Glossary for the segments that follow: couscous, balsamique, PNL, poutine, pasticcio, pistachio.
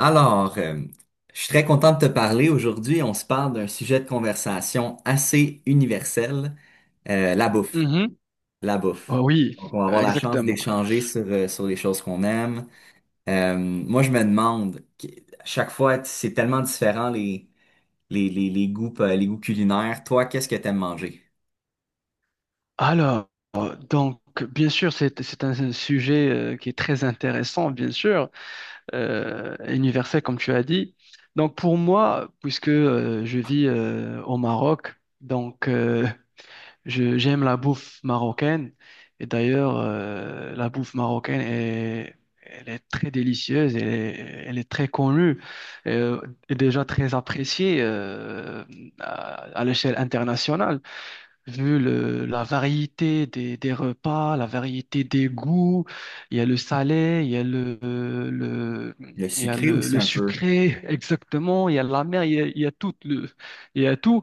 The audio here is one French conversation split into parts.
Alors, euh, je suis très content de te parler. Aujourd'hui, on se parle d'un sujet de conversation assez universel, la bouffe. Mhm. La Oh bouffe. oui, Donc, on va avoir la chance exactement. d'échanger sur les choses qu'on aime. Moi, je me demande, à chaque fois, c'est tellement différent les goûts, les goûts culinaires. Toi, qu'est-ce que t'aimes manger? Alors, donc, bien sûr, c'est un sujet qui est très intéressant, bien sûr, universel, comme tu as dit. Donc, pour moi, puisque je vis au Maroc, donc, j'aime la bouffe marocaine. Et d'ailleurs, la bouffe marocaine est très délicieuse, elle est très connue euh, et déjà très appréciée à à l'échelle internationale. Vu la variété des repas, la variété des goûts, il y a le salé, il y a le, Le il y a sucré aussi le un peu. sucré, exactement, il y a la mer, il y a tout.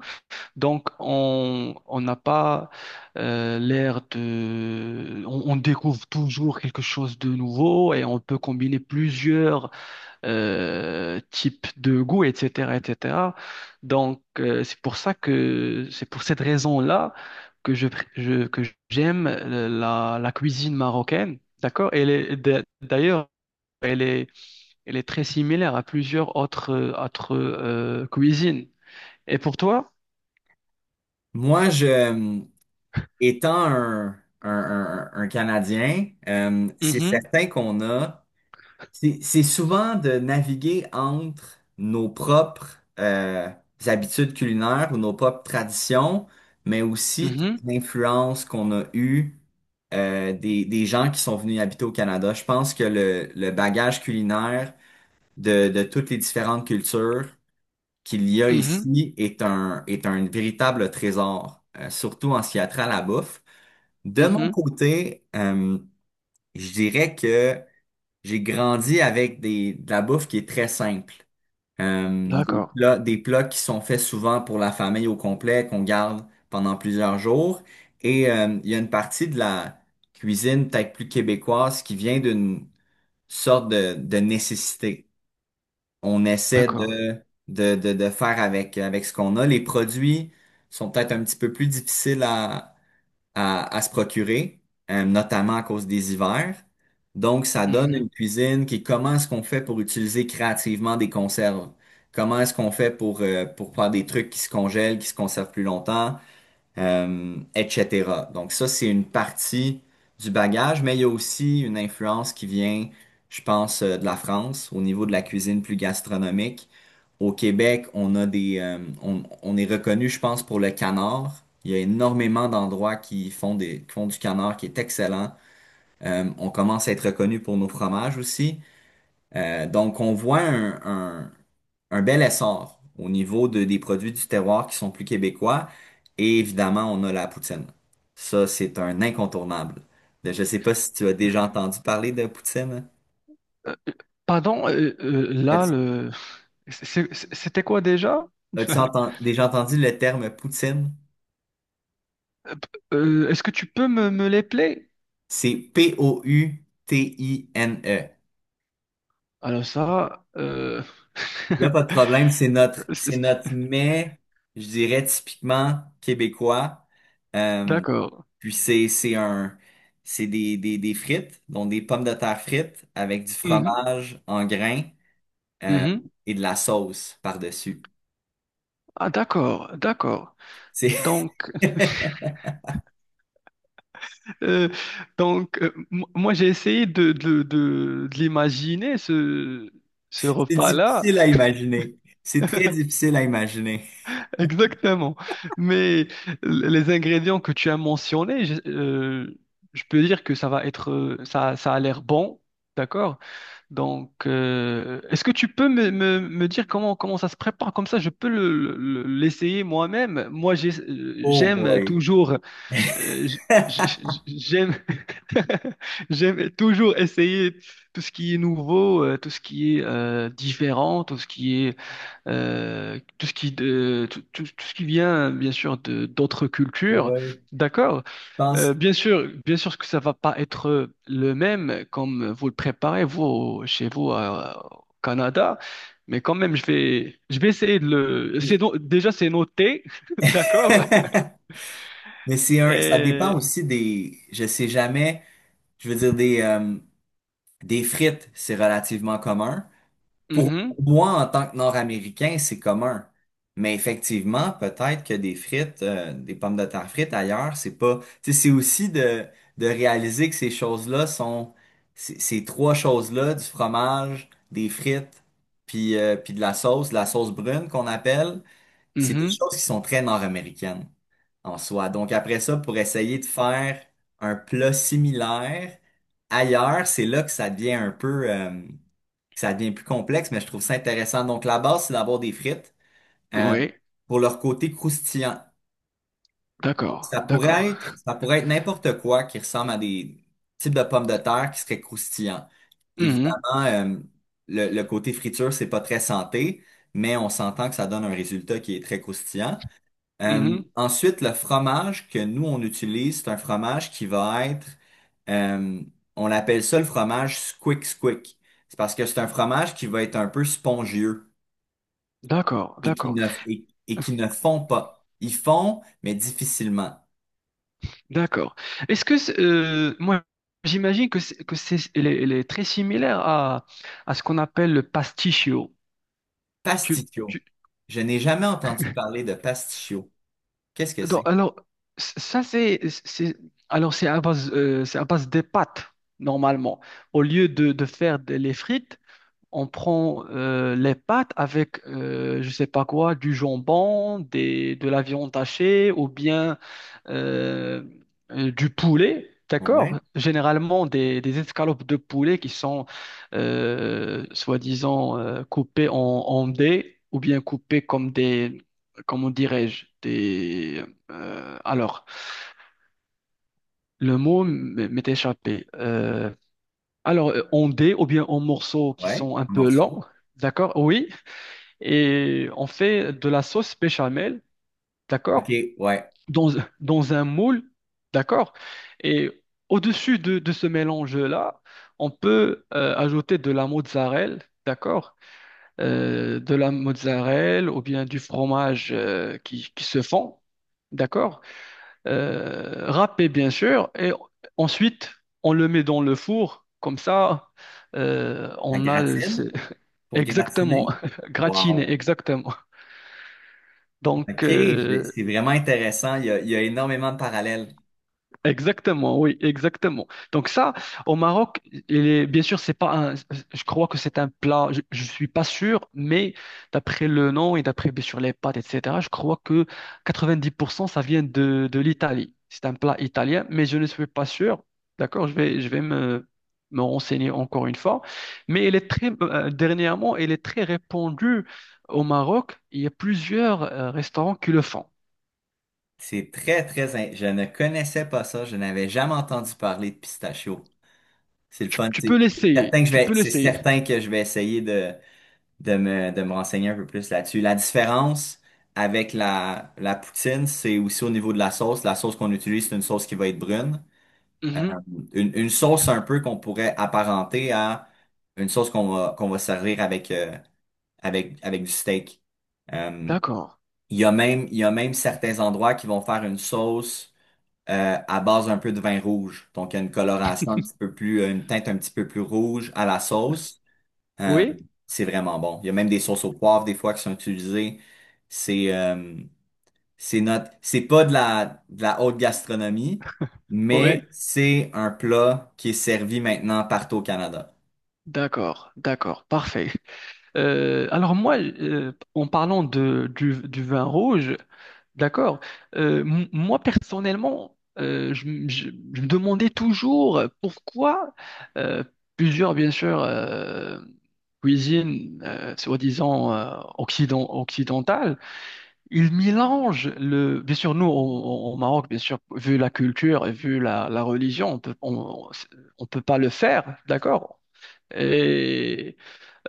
Donc, on n'a pas On découvre toujours quelque chose de nouveau et on peut combiner plusieurs type de goût, etc., etc. Donc, c'est pour cette raison-là que je, pr- je- que j'aime la cuisine marocaine, d'accord? Elle est d'ailleurs, elle est, elle est très similaire à plusieurs autres cuisines. Et pour toi? Moi, je, étant un Canadien, c'est Mhm, certain qu'on a. C'est souvent de naviguer entre nos propres habitudes culinaires ou nos propres traditions, mais aussi mhm, toute l'influence qu'on a eue des gens qui sont venus habiter au Canada. Je pense que le bagage culinaire de toutes les différentes cultures qu'il y a mhm, ici est est un véritable trésor, surtout en ce qui a trait à la bouffe. De mon mhm. côté, je dirais que j'ai grandi avec de la bouffe qui est très simple. D'accord, Des plats qui sont faits souvent pour la famille au complet, qu'on garde pendant plusieurs jours. Il y a une partie de la cuisine peut-être plus québécoise qui vient d'une sorte de nécessité. On essaie d'accord. De faire avec ce qu'on a. Les produits sont peut-être un petit peu plus difficiles à se procurer, notamment à cause des hivers. Donc, ça donne Mhm. une cuisine qui est comment est-ce qu'on fait pour utiliser créativement des conserves? Comment est-ce qu'on fait pour faire des trucs qui se congèlent, qui se conservent plus longtemps? Etc. Donc ça, c'est une partie du bagage, mais il y a aussi une influence qui vient, je pense, de la France au niveau de la cuisine plus gastronomique. Au Québec, on a on est reconnu, je pense, pour le canard. Il y a énormément d'endroits qui font qui font du canard qui est excellent. On commence à être reconnu pour nos fromages aussi. Donc, on voit un bel essor au niveau des produits du terroir qui sont plus québécois. Et évidemment, on a la poutine. Ça, c'est un incontournable. Je ne sais pas si tu as déjà entendu parler de poutine. Euh, euh, pardon, là, As-tu C'était quoi déjà? Déjà entendu le terme poutine? Euh, est-ce que tu peux me les play? C'est P-O-U-T-I-N-E. Alors ça, Il n'y a pas de problème, c'est c'est- notre mets, je dirais, typiquement québécois. Euh, d'accord. Puis c'est un, c'est des frites, donc des pommes de terre frites avec du Mhm, fromage en grains euh, mhm. et de la sauce par-dessus. Ah d'accord, d'accord. C'est Donc, c'est euh, moi j'ai essayé de l'imaginer ce repas-là difficile à imaginer. C'est très difficile à imaginer. exactement. Mais les ingrédients que tu as mentionnés, je peux dire que ça va être, ça a l'air bon, d'accord? Donc, est-ce que tu peux me dire comment ça se prépare? Comme ça, je peux l'essayer moi-même. Moi, Oh j'aime boy. toujours, euh, j- j- j'aime, j'aime toujours essayer tout ce qui est nouveau, tout ce qui est différent, tout ce qui est, tout ce qui, tout ce qui vient, bien sûr, de d'autres cultures. Ouais. Je D'accord? pense. Bien sûr que ça va pas être le même comme vous le préparez vous chez vous au Canada, mais quand même je vais essayer de le c'est no- déjà c'est noté, d'accord? Mais c'est un, ça Et dépend aussi des, je sais jamais, je veux dire des frites, c'est relativement commun. Pour mhm, moi, en tant que Nord-Américain, c'est commun. Mais effectivement, peut-être que des frites, des pommes de terre frites ailleurs, c'est pas. Tu sais, c'est aussi de réaliser que ces choses-là sont. Ces trois choses-là, du fromage, des frites, puis de la sauce brune qu'on appelle, c'est des mhm, choses qui sont très nord-américaines en soi. Donc après ça, pour essayer de faire un plat similaire ailleurs, c'est là que ça devient un peu, que ça devient plus complexe, mais je trouve ça intéressant. Donc la base, c'est d'avoir des frites euh, oui, pour leur côté croustillant. Donc, d'accord, d'accord. Ça pourrait être n'importe quoi qui ressemble à des types de pommes de terre qui seraient croustillants. Mhm, Évidemment, le côté friture, c'est pas très santé, mais on s'entend que ça donne un résultat qui est très croustillant. Mhm, Ensuite, le fromage que nous, on utilise, c'est un fromage qui va être, euh, on l'appelle ça le fromage squick squick. C'est parce que c'est un fromage qui va être un peu spongieux d'accord, d'accord, et qui ne fond pas. Ils fond, mais difficilement. d'accord. Est-ce que moi j'imagine que c'est elle est très similaire à ce qu'on appelle le pasticcio. Pasticcio. Je n'ai jamais entendu parler de pasticcio. Qu'est-ce que Donc, c'est? alors, ça, c'est, c'est à base des pâtes, normalement. Au lieu de faire les frites, on prend les pâtes avec, je sais pas quoi, du jambon, de la viande hachée, ou bien euh, du poulet, Ouais, d'accord? Généralement des escalopes de poulet qui sont soi-disant coupées en dés ou bien coupées comme des, comment dirais-je, alors, le mot m'est échappé. Alors, en dés ou bien en morceaux qui ouais, sont un un peu longs, morceau. d'accord? Oui. Et on fait de la sauce béchamel, d'accord? OK, ouais. dans, dans un moule, d'accord? Et au-dessus de ce mélange-là, on peut ajouter de la mozzarella, d'accord? De la mozzarella ou bien du fromage qui se fond, d'accord? Râpé, bien sûr. Et ensuite, on le met dans le four, comme ça, La on a... le- gratine c'est- pour Exactement, gratiner. gratiné, Wow. exactement. Donc, OK, je- euh, c'est vraiment intéressant. Il y a énormément de parallèles. Exactement, oui, exactement. Donc ça, au Maroc, il est, bien sûr, c'est pas un, je crois que c'est un plat, je suis pas sûr, mais d'après le nom et d'après bien sûr les pâtes, etc., je crois que 90% ça vient de l'Italie. C'est un plat italien, mais je ne suis pas sûr. D'accord, je vais me renseigner encore une fois. Mais il est très, dernièrement, il est très répandu au Maroc. Il y a plusieurs restaurants qui le font. C'est très, très... Je ne connaissais pas ça. Je n'avais jamais entendu parler de pistachio. C'est le Tu, fun. tu peux l'essayer, tu peux C'est l'essayer. certain que je vais essayer de, de me renseigner un peu plus là-dessus. La différence avec la poutine, c'est aussi au niveau de la sauce. La sauce qu'on utilise, c'est une sauce qui va être brune. Mhm, Une sauce un peu qu'on pourrait apparenter à une sauce qu'on va servir avec du steak. Euh, d'accord. Il y a même certains endroits qui vont faire une sauce à base un peu de vin rouge. Donc, il y a une coloration un petit peu plus, une teinte un petit peu plus rouge à la sauce. Euh, Oui, c'est vraiment bon. Il y a même des sauces au poivre des fois qui sont utilisées. C'est euh, c'est notre, c'est pas de la, de la haute gastronomie, oui, mais c'est un plat qui est servi maintenant partout au Canada. d'accord, d'accord, parfait. Alors moi, en parlant du vin rouge. D'accord. Moi, personnellement, je me demandais toujours pourquoi euh, plusieurs, bien sûr, cuisines soi-disant occidentales, ils mélangent Bien sûr, nous, au Maroc, bien sûr, vu la culture et vu la religion, on peut pas le faire, d'accord? Et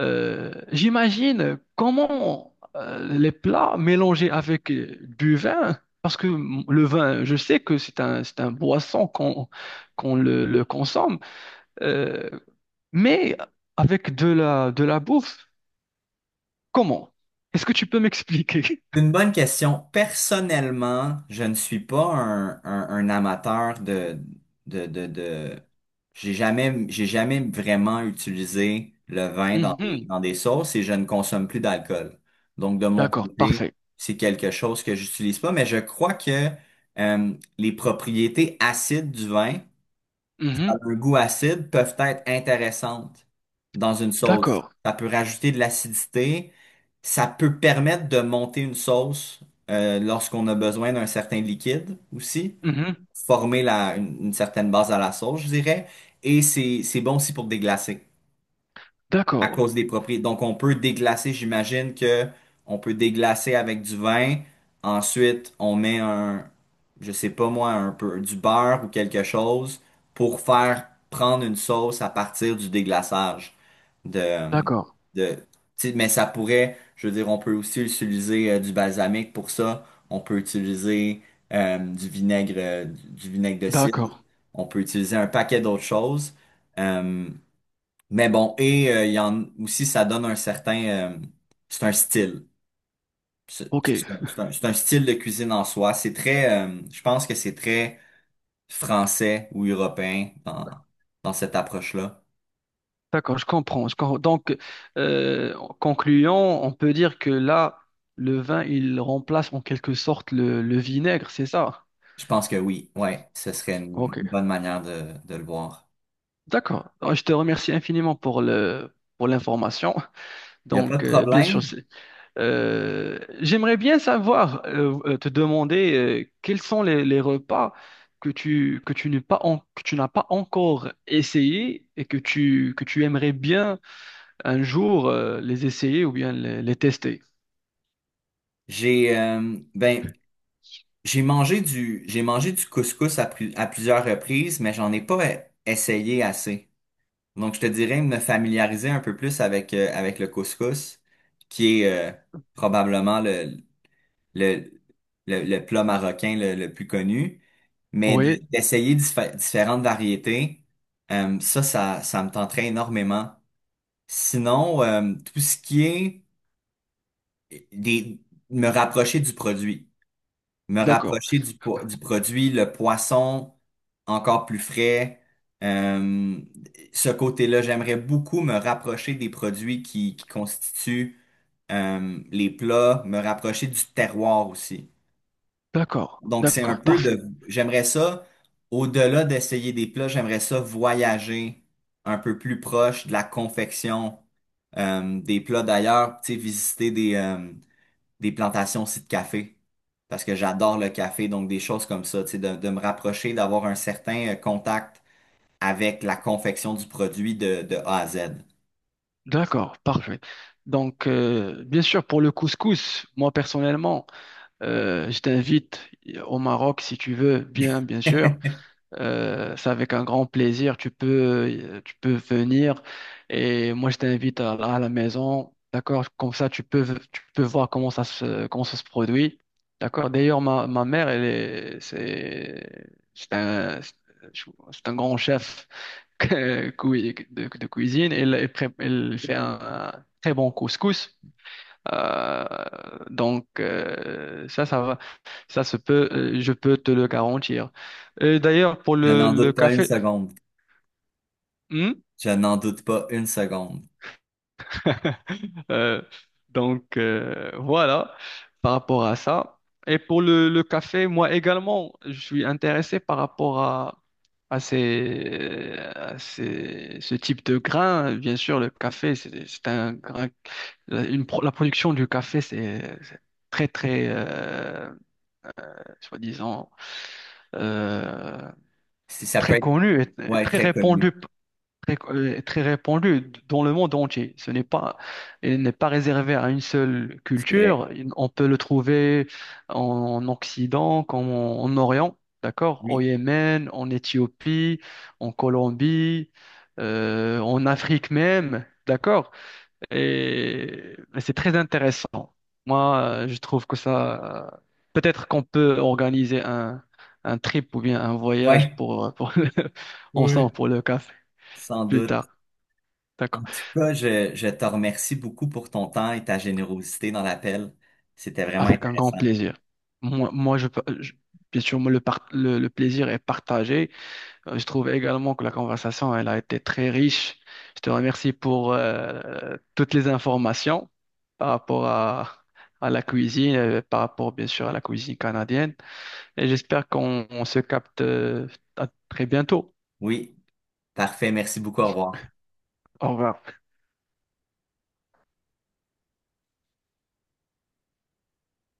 j'imagine comment les plats mélangés avec du vin, parce que le vin, je sais que c'est un boisson qu'on le consomme, euh, mais avec de la bouffe, comment? Est-ce que tu peux m'expliquer? C'est une bonne question. Personnellement, je ne suis pas un amateur de... j'ai jamais vraiment utilisé le vin Mhm. dans des sauces et je ne consomme plus d'alcool. Donc, de mon D'accord, côté, parfait. c'est quelque chose que j'utilise pas, mais je crois que les propriétés acides du vin dans Mhm. un goût acide peuvent être intéressantes dans une sauce. D'accord. Ça peut rajouter de l'acidité, ça peut permettre de monter une sauce lorsqu'on a besoin d'un certain liquide aussi, Mhm. former une certaine base à la sauce, je dirais, et c'est bon aussi pour déglacer à D'accord. cause des propriétés. Donc, on peut déglacer, j'imagine que on peut déglacer avec du vin. Ensuite, on met un, je sais pas moi, un peu du beurre ou quelque chose pour faire prendre une sauce à partir du déglaçage de, D'accord, de, tu sais, mais ça pourrait, je veux dire, on peut aussi utiliser du balsamique pour ça. On peut utiliser du vinaigre de cidre. d'accord, On peut utiliser un paquet d'autres choses. Euh, mais bon, et il y en aussi, ça donne un certain, euh, c'est un style. Ok, Style de cuisine en soi. C'est très, je pense que c'est très français ou européen dans, dans cette approche-là. d'accord, je comprends, je comprends. Donc, en concluant, on peut dire que là, le vin, il remplace en quelque sorte le vinaigre, c'est ça? Je pense que oui, ouais, ce serait une Ok, bonne manière de le voir. d'accord. Alors, je te remercie infiniment pour pour l'information. Il n'y a pas de Donc, bien sûr, problème. J'aimerais bien savoir, te demander, quels sont les repas que tu n'as pas encore essayé et que tu aimerais bien un jour les essayer ou bien les tester. J'ai, euh, ben, j'ai mangé du couscous à plusieurs reprises, mais j'en ai pas essayé assez. Donc, je te dirais me familiariser un peu plus avec, avec le couscous, qui est probablement le, le plat marocain le plus connu, mais Oui, d'essayer différentes variétés, ça me tenterait énormément. Sinon, tout ce qui est des, me rapprocher du produit, me d'accord, rapprocher du produit, le poisson encore plus frais. Euh, Ce côté-là, j'aimerais beaucoup me rapprocher des produits qui constituent les plats, me rapprocher du terroir aussi. d'accord, Donc, c'est un d'accord, peu de... parfait, J'aimerais ça, au-delà d'essayer des plats, j'aimerais ça voyager un peu plus proche de la confection des plats d'ailleurs, tu sais, visiter des plantations aussi de café. Parce que j'adore le café, donc des choses comme ça, tu sais, de me rapprocher, d'avoir un certain contact avec la confection du produit de A à Z. d'accord, parfait. Donc, bien sûr, pour le couscous, moi personnellement, je t'invite au Maroc si tu veux, bien, bien sûr. C'est avec un grand plaisir. Tu peux venir et moi je t'invite à la maison. D'accord? Comme ça, tu peux voir comment ça se produit. D'accord? D'ailleurs, ma mère, elle est, c'est un grand chef de cuisine. Elle fait un très bon couscous. Euh, donc ça va, ça se peut, je peux te le garantir. Et d'ailleurs pour Je le, n'en le doute pas une café, seconde. Hmm. Je n'en doute pas une seconde. Euh, donc voilà par rapport à ça. Et pour le café, moi également, je suis intéressé par rapport à ce type de grain. Bien sûr, le café, c'est un grain, la production du café, c'est très, très, soi-disant, euh, Si ça peut très être, connu et ouais, très très répandu, connu. très, très répandu dans le monde entier. Ce n'est pas, il n'est pas réservé à une seule C'est vrai. culture. On peut le trouver en Occident comme en Orient, d'accord? Au Oui. Yémen, en Éthiopie, en Colombie, en Afrique même, d'accord? Et c'est très intéressant. Moi, je trouve que ça, peut-être qu'on peut organiser un trip ou bien un voyage Ouais, pour oui. ensemble pour le café Sans plus tard. doute. En D'accord. tout cas, je te remercie beaucoup pour ton temps et ta générosité dans l'appel. C'était vraiment Avec un grand intéressant. plaisir. Moi, bien sûr, moi, le plaisir est partagé. Je trouve également que la conversation, elle a été très riche. Je te remercie pour toutes les informations par rapport à la cuisine, par rapport bien sûr à la cuisine canadienne. Et j'espère qu'on on se capte à très bientôt. Oui, parfait. Merci beaucoup. Au revoir. Au revoir.